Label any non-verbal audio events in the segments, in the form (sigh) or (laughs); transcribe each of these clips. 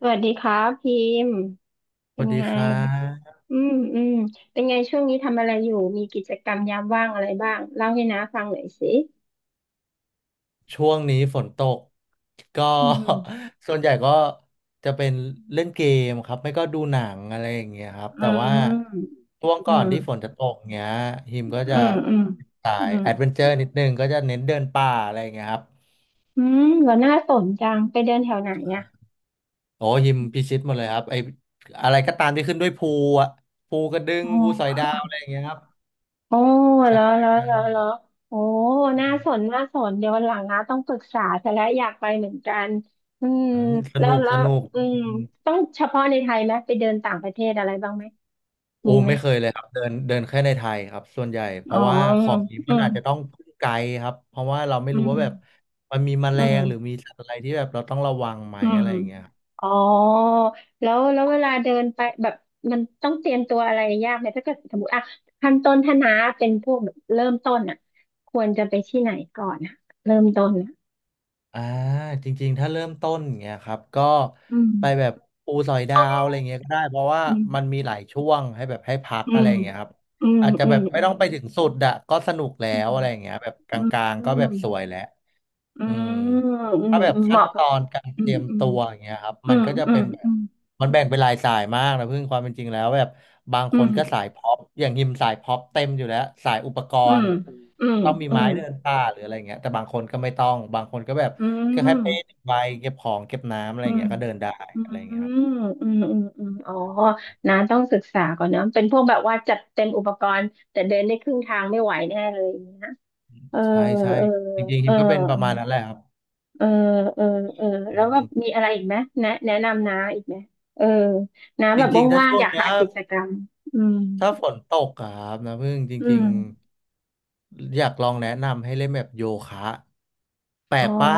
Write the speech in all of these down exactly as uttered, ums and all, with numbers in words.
สวัสดีครับพิมพ์สเป็วันสดีไงครับอืมอืมเป็นไงช่วงนี้ทำอะไรอยู่มีกิจกรรมยามว่างอะไรบ้างเล่าให้น้าฟังหน่อยสิช่วงนี้ฝนตกก็ อืม (laughs) ส่วนใหญ่ก็จะเป็นเล่นเกมครับไม่ก็ดูหนังอะไรอย่างเงี้ยครับอืแต่ว่ามช่วงอืก่อนที่ฝนมจะตกเงี้ยฮิมก็จะอืมอืมสาอืยมแอดเวนเจอร์นิดนึงก็จะเน้นเดินป่าอะไรอย่างเงี้ยครับอืมก็น่าสนจังไปเดินแถวไหนอ่ะโอ้ฮิมอืพิมชิตหมดเลยครับไออะไรก็ตามที่ขึ้นด้วยภูอะภูกระดึโองภูสอย้ดาวอะไรอย่างเงี้ยครับโอ้เหรใช่อเหรอเหรอใช่เหรอโอ้น่าสนน่าสนเดี๋ยววันหลังนะต้องปรึกษาแต่และอยากไปเหมือนกันอืมอืมสแล้วนุกแล้สวนุก อืมต้องเฉพาะในไทยไหมไปเดินต่างประเทศอะไรบ้างไหม โอ้มีไหม ไม่เคยเลยครับเดินเดินแค่ในไทยครับส่วนใหญ่เพอ๋อราะว่าของนี้อืมันมอาจจะต้องพึ่งไกลครับเพราะว่าเราไม่อืรู้มว่าแบบมันมีแมอืลมงหรือมีสัตว์อะไรที่แบบเราต้องระวังไหมอือะมไรอย่างเงี้ยครับอ๋อแล้วแล้วเวลาเดินไปแบบมันต้องเตรียมตัวอะไรยากไหมถ้าเกิดสมมติอ่ะขั้นต้นถ้าน้าเป็นพวกแบบเริ่มต้นอ่ะควรจะไปที่ไหนก่อนอ่ะเริ่มต้นอ่ะอ่าจริงๆถ้าเริ่มต้นอย่างเงี้ยครับก็อืมไปแบบปูสอยดาวอะไรเงี้ยก็ได้เพราะว่าอืมันมมีหลายช่วงให้แบบให้พักอือะมไรอย่างเงี้ยครับอืมอาจจะอืแบมบไม่ต้องไปถึงสุดอะก็สนุกแล้อืวมอะไรอย่างเงี้ยแบบกอืมลางอืๆก็แบบมสวยแล้ว ออืมืมอืมถ้าแบบเหขั้นมาะตกับอนการอืเตรีมยมอืมตัวอย่างเงี้ยครับ อืมันมก็จะอืเป็มนแบอืบมมันแบ่งเป็นหลายสายมากนะเพึ่อความเป็นจริงแล้วแบบบางอืคนมก็สายพ็อปอย่างยิมสายพ็อปเต็มอยู่แล้วสายอุปกอืรมณ์อืมต้องมีอืไม้มเดินป่าหรืออะไรเงี้ยแต่บางคนก็ไม่ต้องบางคนก็แบบอืแค่แค่ม เป้หนึ่งใบเก็บของเก็บน้ำอะไรอืมเงี้ยก็เดินได้อือะมไรเงี้ยครับอืมอืมอืมอ๋อน้าต้องศึกษาก่อนนะเป็นพวกแบบว่าจัดเต็มอุปกรณ์แต่เดินได้ครึ่งทางไม่ไหวแน่เลยอย่างเงี้ยเออใช่ใช่เออจริงๆเอฮิอมก็เป็นประมาณนั้นแหละครับเออเออเออเออ แล้วแบบมีอะไรอีกไหมแนะแนะนำน้าอีกไหม เออน้าจแบบริงๆถ้าว่างช่วๆองยากเนี้หาย กิจกรรม อืมถ้าฝนตกอะครับนะพึ่งจอืริมงๆอยากลองแนะนำให้เล่นแบบโยคะแปลอ๋อกปะ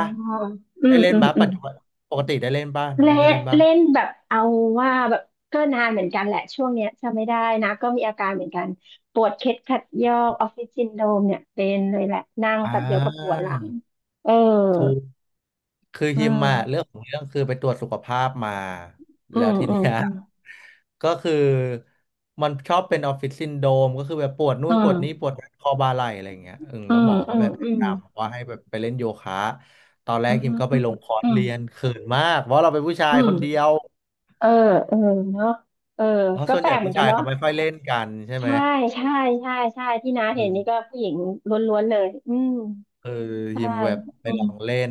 อืได้มเล่นอืมบ้าอืปัม จจุบันปกติได้เล่นบ้านะเล่พึ่งได้นเล่นบ้าเล่นแบบเอาว่าแบบก็นานเหมือนกันแหละช่วงเนี้ยจำไม่ได้นะก็มีอาการเหมือนกันปวดเคล็ดขัดยอกออฟฟิศซินโดรมเนี่ยเป็นเลยแหละนั่งอ่า แป๊บเดียวก็ปวดหลังเออถูกคืออืฮิมอะเรื่อมงของเรื่องคือไปตรวจสุขภาพมาอืแล้วมทีอืมเนี้ย อืม (laughs) ก็คือมันชอบเป็นออฟฟิศซินโดรมก็คือแบบปวดนู่นอืปวดนี้ปวดคอบ่าไหล่อะไรอย่างเงี้ยเออมอืแล้วมหมอก็อืแบบแนะมนำว่าให้แบบไปเล่นโยคะตอนแรอืกมฮิอืมมก็อืไปมลงคอร์สอืมเรียนเขินมากเพราะเราเป็นผู้ชาอืยคนเดียมวเออเออเนาะเออเพราะก็ส่วนแปใหลญ่กเหมือผู้นกันชายเนาะเขาไม่ค่อยเล่นกันใช่ไหมใช่ใช่ใช่ใช่ที่น้าเห็นอืม นี่ก็ผู้หญิงล้วนๆเลยอืมเออใช่ยิมแบบไปอืลมองเล่น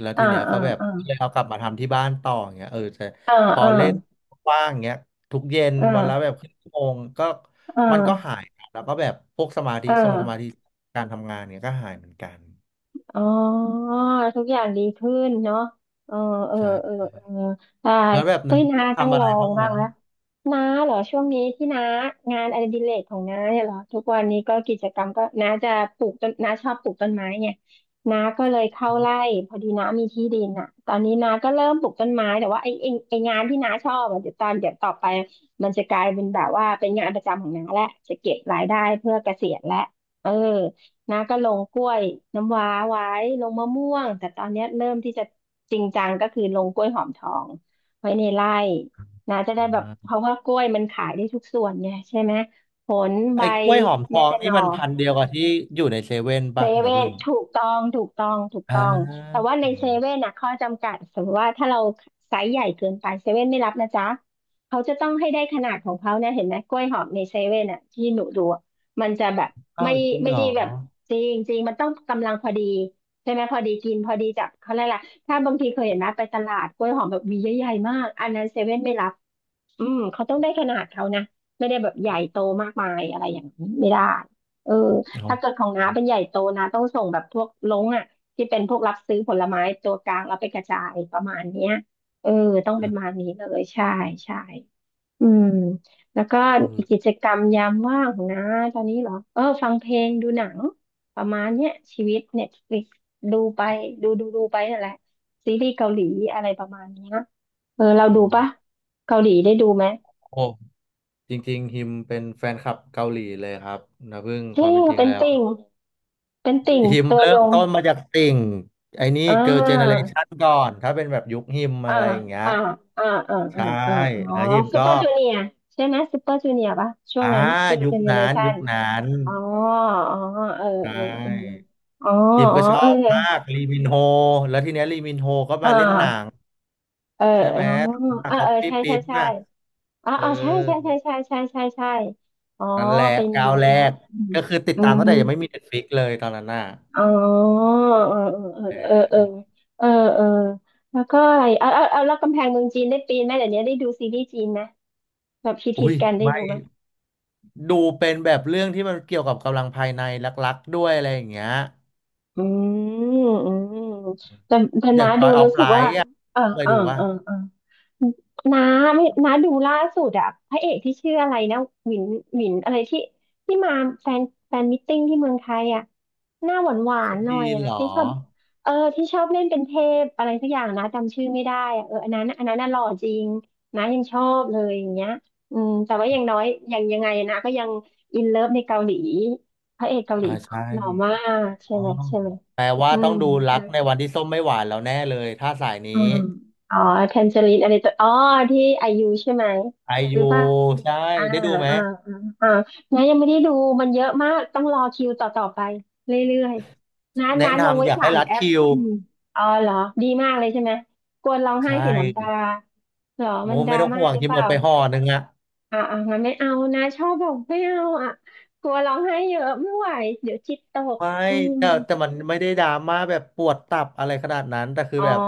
แล้วอ่าทีเนี้ยอ่าก็แบบอ่าเลยเอากลับมาทำที่บ้านต่ออย่างเงี้ยเออแต่อ่าพออ่า เล่นว่างอย่างเงี้ยทุกเย็นเออวันละแบบครึ่งชั่วโมงก็เอมันก็หาอยนะแล้วก็แบบพวกสมาธิเอทรงสมาอธิการทำงานเนี้ยก็หายเหมือนกันอ๋อทุกอย่างดีขึ้นเนาะเออเออเออใช่เออได้แล้วแบบเฮ้นะยน้าต้องทำลอะอไรงบ้างไหมบ้างแล้วน้าเหรอช่วงนี้ที่น้างานอดิเรกของน้าเนี่ยเหรอทุกวันนี้ก็กิจกรรมก็น้าจะปลูกต้นน้าชอบปลูกต้นไม้ไงน้าก็เลยเข้าไร่พอดีน้ามีที่ดินอ่ะตอนนี้น้าก็เริ่มปลูกต้นไม้แต่ว่าไอ้ไอ้ไอ้งานที่น้าชอบอะเดี๋ยวตอนเดี๋ยวต่อไปมันจะกลายเป็นแบบว่าเป็นงานประจำของน้าแหละจะเก็บรายได้เพื่อเกษียณและเออ นะก็ลงกล้วยน้ำว้าไว้ลงมะม่วงแต่ตอนเนี้ยเริ่มที่จะจริงจังก็คือลงกล้วยหอมทองไว้ในไร่นะจะได้อ่แบบเพราะาว่ากล้วยมันขายได้ทุกส่วนไงใช่ไหมผลใบไอ้กล้วยหอมทแม้องแต่หนี่น่อ มันพันธุ์เดียวกับที่อยู่ในเซเว่นเซป่ะนะเว่พึ่นงถูกต้องถูกต้องถูกอ่ต้องแต่าว่าในเซเว่นนะข้อจำกัดสมมติว่าถ้าเราไซส์ใหญ่เกินไปเซเว่นไม่รับนะจ๊ะเขาจะต้องให้ได้ขนาดของเขาเนี่ยเห็นไหมกล้วยหอมในเซเว่นอ่ะที่หนูดูอะมันจะแบบเอ้าไม่วจริงไม่เหรได้อแบบจริงจริงมันต้องกำลังพอดีใช่ไหมพอดีกินพอดีจับเขาเรียกอะไรล่ะถ้าบางทีเคยเห็นนะไปตลาดกล้วยหอมแบบหวีใหญ่ๆมากอันนั้นเซเว่นไม่รับอืมเขาต้องได้ขนาดเขานะไม่ได้แบบใหญ่โตมากมายอะไรอย่างนี้ไม่ได้เออ อ๋ถ้าเกิดอของน้าเป็นใหญ่โตนะต้องส่งแบบพวกลงอ่ะที่เป็นพวกรับซื้อผลไม้ตัวกลางแล้วไปกระจายประมาณเนี้ยเออต้องเป็นประมาณนี้เลยใช่ใช่อืมแล้วก็เออีอกกิจกรรมยามว่างของน้าตอนนี้เหรอเออฟังเพลงดูหนังประมาณเนี้ยชีวิตเน็ตฟลิกดูไปดูดูดูไปนั่นแหละซีรีส์เกาหลีอะไรประมาณเนี้ยเออเราดูปะอเกาหลีได้ดูไหม๋อ จริงๆฮิมเป็นแฟนคลับเกาหลีเลยครับนะพึ่งคเฮ้วามเป็นจริงเป็นแล้วติ่งเป็นติ่งฮิมตัวเริ่ยมงต้นมาจากติ่งไอ้นี่อ่เกิร์ลเจเนเรา ชันก่อนถ้าเป็นแบบยุคฮิมอ่าอะไรอย่างเงี้ยอ่าอ่าอ่าอ่าใช่อ่าอ๋อแล้วฮิมซูก็เปอร์จูเนียใช่ไหมซูเปอร์จูเนียป่ะช่วงอ่านั้นชื่อยุเจคเนอเรนั้นชัยุนคนั้นอ๋ออ๋อเออใชเออเออ่อ๋อฮิมอ๋อก็ชเอออบมากลีมินโฮแล้วทีเนี้ยลีมินโฮก็อ่มาเล่นหนัางเออใช่ไหอ๋มอเออคอเอฟอฟี่ใช่ปริใช่นซ์ใช่น่ะอ๋อเอออ๋อใช่ใช่ใช่ใช่ใช่ใช่ใช่อ๋อนั่นแหละเป็นในก้าวยุคแรนั้นกอืมก็คือติดอืตามมตั้งแต่ยังไม่มีเน็ตฟ i ิกเลยตอนนั้นน่ะอ๋อเออเออเออเออเออแล้วก็อะไรเอาเอาเอาแล้วกำแพงเมืองจีนได้ปีนไหมเดี๋ยวนี้ได้ดูซีรีส์จีนนะแบบอุ้ฮิตยๆกันได้ไม่ ดูไหม ดูเป็นแบบเรื่องที่มันเกี่ยวกับกำลังภายในลักๆด้วยอะไรอย่างเงี้ยอืมอืมแต่แต่อนะย่าง ดู Joy รู้ of สึกว่า Light อ่ะเออเคยเออดูป่ะเออเออ น้าไม่น้าดูล่าสุดอะพระเอกที่ชื่ออะไรนะหวินหวินอะไรที่ที่มาแฟนแฟนมิทติ้งที่เมืองไทยอะหน้าหวานหวาคุนณหน่อพียนอะเหรอที่ชอบเออที่ชอบเล่นเป็นเทพอะไรสักอย่างนะจำชื่อไม่ได้อะเอออันนั้นอันนั้นน่ะหล่อจริงนะยังชอบเลยอย่างเงี้ยอืมแต่ว่าอย่างน้อยอย่างยังไงนะก็ยังอินเลิฟในเกาหลีพระเอกเกาหลีอ่าใช่หล่อมากใช่อ๋อไหมใช่ไหมแปลว่าอืต้อม งดูรักในวันที่ส้มไม่หวานแล้วแน่เลยถ้าสายนี้อืมอ๋อแทนเจอรินอะไรตัวอ๋อที่ไอยูใช่ไหมไอหรืยูอว่าใช่อ่าได้ดูไหมอ่าอ่าอ่างั้นยังไม่ได้ดูมันเยอะมากต้องรอคิวต่อต่อไปเรื่อยๆนั้านแนะนั้านลงนำไว้อยากสาให้มรัดแอปคิวอืมอ๋อเหรอดีมากเลยใช่ไหมกวนร้องใชไห้เสียน้ำตา่เหรอโมมันดไม่ราต้องม่าห่วงหรือคิวเปหมล่าดไปห่อหนึ่งอะ อ่าอ่างั้นไม่เอานะชอบแบบไม่เอาอ่ะกลัวร้องไห้เยอะไม่ไหวเดี๋ยวจิตตกไม่อืมแต่แต่มันไม่ได้ดราม่าแบบปวดตับอะไรขนาดนั้นแต่คืออ๋อแบบ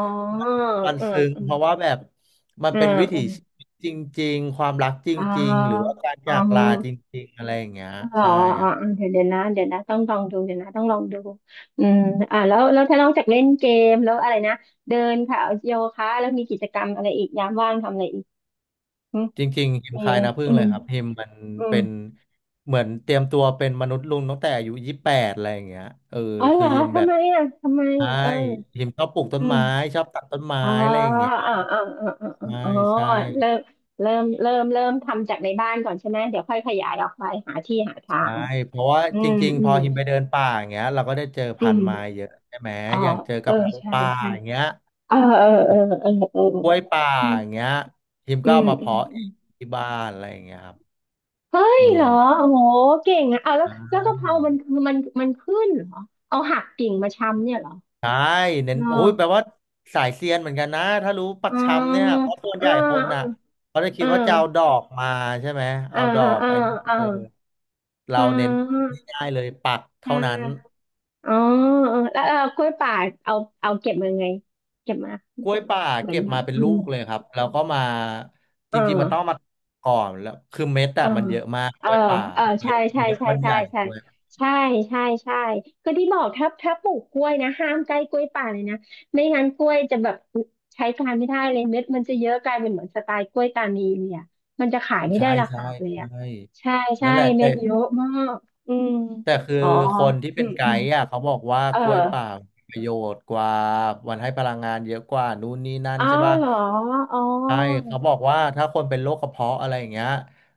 อืมันมมันซึ้งอืมเพราะว่าแบบมันอืเป็นวิถีชีม วิตจริงๆความรักจอ๋ริงๆหรืออว่าการอ๋จากลาจอริงๆอะไรอย่างเงี้ยเหรอใช่คอ๋อรับเดี๋ยวเดี๋ยวนะเดี๋ยวนะต้องลองดูเดี๋ยวนะต้องลองดูอืมอ่าแล้วแล้วถ้านอกจากเล่นเกมแล้วอะไรนะเดินค่ะโยคะแล้วมีกิจกรรมอะไรอีกยามว่างทำอะไรอีกอืมจริงๆฮิมมีคายนะพึ่อืงเลมยครับฮิมมันอืมเป็นเหมือนเตรียมตัวเป็นมนุษย์ลุงตั้งแต่อายุยี่สิบแปดอะไรอย่างเงี้ยเอออ๋อเหคืรออฮิมแบทำบไมอ่ะทำไมใช่เออฮิมชอบปลูกต้อืนไม้มชอบตัดต้นไม้อ๋ออะไรอย่างเงี้ยอ๋ออ๋อใช่อ๋ออ๋ออ๋อใช่ เริ่มเริ่มเริ่มเริ่มทำจากในบ้านก่อนใช่ไหมเดี๋ยวค่อยขยายออกไปหาที่หาทาใช่งเพราะว่าอืจมริงๆอืพอมหิมไปเดินป่าอย่างเงี้ยเราก็ได้เจออืพันมธุ์ไม้เยอะใช่ไหมอ๋ออย่างเจอเออกะเพราใช่ป่าใช่ อย่างเงี้ยเออเออเออเออเออกล้วยป่าใช่อย่างเงี้ยหิมอืก็มเอามาอืมเพาะเออืมงที่บ้านอะไรอย่างเงี้ยครับเฮ้ยอืเหรมอโอ้โหเก่งอ่ะเอาแล้ใชวแล้วกะเพรา่มันคือมันมันขึ้นเหรอ เอาหักกิ่งมาชำเนี่ยเหรอใช่เน้เอนโอ้อยแปลว่าสายเซียนเหมือนกันนะถ้ารู้ปัเกชำเนี่ยเพออราะส่วนเใหญ่คนน่ะออเขาจะเอคิอดว่าจะเอาดอกมาใช่ไหมเออเอาดอกเออไอ้เออเออเเราเน้นออง่ายๆเลยปักเเท่านั้น อออ๋อแล้วคุกล้วยป่าเอาเอาเก็บมาไงเก็บมากล้วยป่าเหมือเก็นบแบบมาเป็นอืลูมกเลยครับแล้วก็มาจเอริงๆมันต้องมาอ ก่อนแล้วคือเม็ดอะเอ่ามันเยอะมากเอกอล้วยป่าเออเม็ใช่ดใช่เม็ดใช่มันใหใช่ญ่ใช่ด้วยใช่ใช่ใช่ก็ที่บอกถ้าถ้าปลูกกล้วยนะห้ามใกล้กล้วยป่าเลยนะไม่งั้นกล้วยจะแบบใช้การไม่ได้เลยเม็ดมันจะเยอะกลายเป็นเหมือนสไตล์กล้วยตานีเลยอ่ะมันจะขายไม่ใช่ได้ราใช่คาเลยอ่ะใช่ใช่ใช่นั่นแหละเม็แต่ดเยอะมากอืมแต่คืออ๋อคนที่อืเป็นมไกอืมด์อะเขาบอกว่าเออกล้วยป่ามีประโยชน์กว่ามันให้พลังงานเยอะกว่านู่นนี่นั่นอาใช่วป่ะเหรออ๋อใช่เขาบอกว่าถ้าคนเป็นโรคกระเพาะอะไรอย่างเงี้ย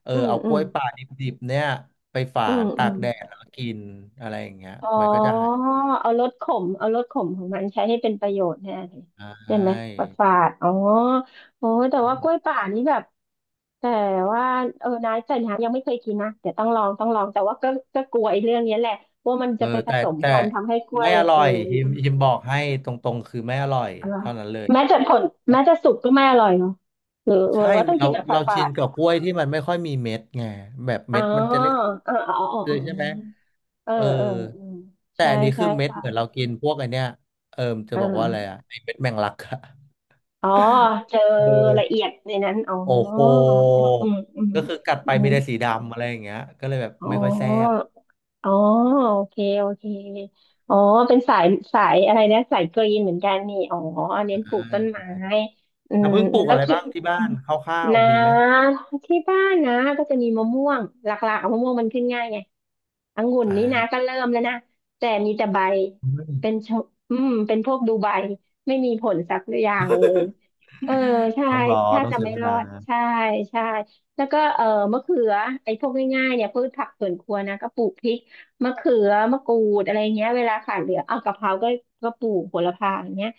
เอออืมเอาอืกล้มวยป่าดิบๆเนี่ยไปฝาอืมนอืตากม แดดแล้วกินอะไรอย่างเงี้ยอ๋อมันก็จะหายเอารสขมเอารสขมของมันใช้ให้เป็นประโยชน์แน่เลยใชใช่ไหมประ่ สาทอ๋อโอ้ยแต่ว่ากล้วยป่านี่แบบแต่ว่าเออนะแต่นะยังไม่เคยกินนะเดี๋ยวต้องลองต้องลองแต่ว่าก็ก็กลัวไอ้เรื่องเนี้ยแหละว่ามันเอจะอไปผแต่สมแต่พันธุ์ทำให้กล้วไม่ยอเอร่ออยมีฮิมปัญฮิหามบอกให้ตรงๆคือไม่อร่อยอะไรอเท่านั้นเลยแม้จะผลแม้จะสุกก็ไม่อร่อยเนาะหรือใช่หรือว่าต้องเรากินแบบเราฝาชินดกับกล้วยที่มันไม่ค่อยมีเม็ดไงแบบๆอ๋อเม็ดมันจะเล็กอ๋ออ๋ออ๋อเลอ๋ยใช่ไหมอเออเออเออเออแต่ใช่อันนี้คืใช่อเม็ดเหมือนค่ะเรากินพวกไอเนี้ยเออจะอ่า บอกว่าอะไรอะไอเม็ดแมงลักอะอ๋อเจอเอละเอีอยดในนั้นอ๋อโอ้โหอืมอืมอืมก็คือกัดอไปมีมแต่สีดำอะไรอย่างเงี้ยก็เลยแบบอ๋อ ไม่ค่อยแซ่บอ๋อโอเคโอเคอ๋อเป็นสายสายอะไรนะสายกรีนเหมือนกันนี่อ๋อเน้นปลูกใช่ต้นไม้อืแล้มวเพิ่งปลูกแล้วอะไรคิดบ้างที่บ้านคร่าวนๆมีไหมะที่บ้านนะก็จะมีมะม่วงหลักๆเอามะม่วงมันขึ้นง่ายไงองุ่นอ่นี่นะก็า เริ่มแล้วนะแต่มีแต่ใบเป็นชมอืมเป็นพวกดูใบไม่มีผลสักอย่างเลยเออใช่ต้องรอถ้าต้องจะเสียไม่เวรอลาดใช่ใช่แล้วก็เออมะเขือไอ้พวกง่ายๆเนี่ยพืชผักสวนครัวนะก็ปลูกพริก มะเขือมะกรูดอะไรเงี้ยเวลาขาดเหลือเอากะเพราก็ก็ปลูกโหระพาอย่างเงี้ย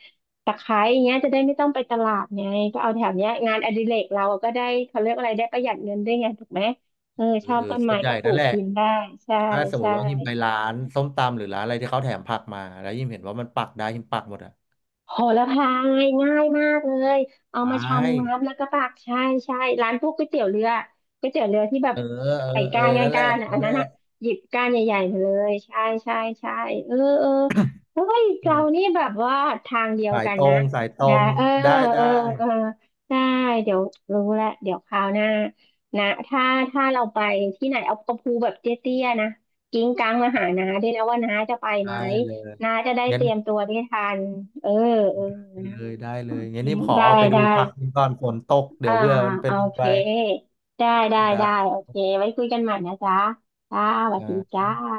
ตะไคร้อย่างเงี้ยจะได้ไม่ต้องไปตลาดไงก็เอาแถวเนี้ยงานอดิเรกเราก็ได้เขาเรียกอะไรได้ประหยัดเงินด้วยไงถูกไหมเออเอชออบเออต้นส่ไม้วนใหก็ญ่ปลูนั่นกแหละกินได้ใช่ถ้าสมมใช่ ติว่ายิมไปร้านส้มตำหรือร้านอะไรที่เขาแถมผักมาแล้วยิมเห็นว่ามันปักได้ยิมปักหมดอ่ะโหระพายง่ายมากเลยเอามาใช่ชำน้ำแล้วก็ปักใช่ใช่ร้านพวกก๋วยเตี๋ยวเรือก๋วยเตี๋ยวเรือที่แบบเออเออใส่เออก้านนั่นแหละก้านๆนะอันั่นนแหนั้นละอ่ะหยิบก้านใหญ่ๆมาเลยใช่ใช่ใช่เออเออเฮ้ยอืเรามนี่แบบว่าทางเดียวสายกันตรนะงสายตรนะงเออได้เอได้อเออได้เดี๋ยวรู้ละเดี๋ยวคราวหน้านะถ้าถ้าเราไปที่ไหนเอากระพูแบบเตี้ยๆนะกิ้งกังมาหาน้าด้วยนะว่าน้าจะไปไหได้ม เลยน้าจะได้งั้เตนรียมตัวได้ทันเออเออนะเลยได้เลโอยเคงั้นนี่ขอได้ออกไปดูได้ผักกินก่อนฝนตกเดี๋อ่ายวเพื่อมันเป็โอนเคไปได้ได้ได้ได้โอเคไว้คุยกันใหม่นะจ๊ะจ้าสวัคสรัดีจ้าบ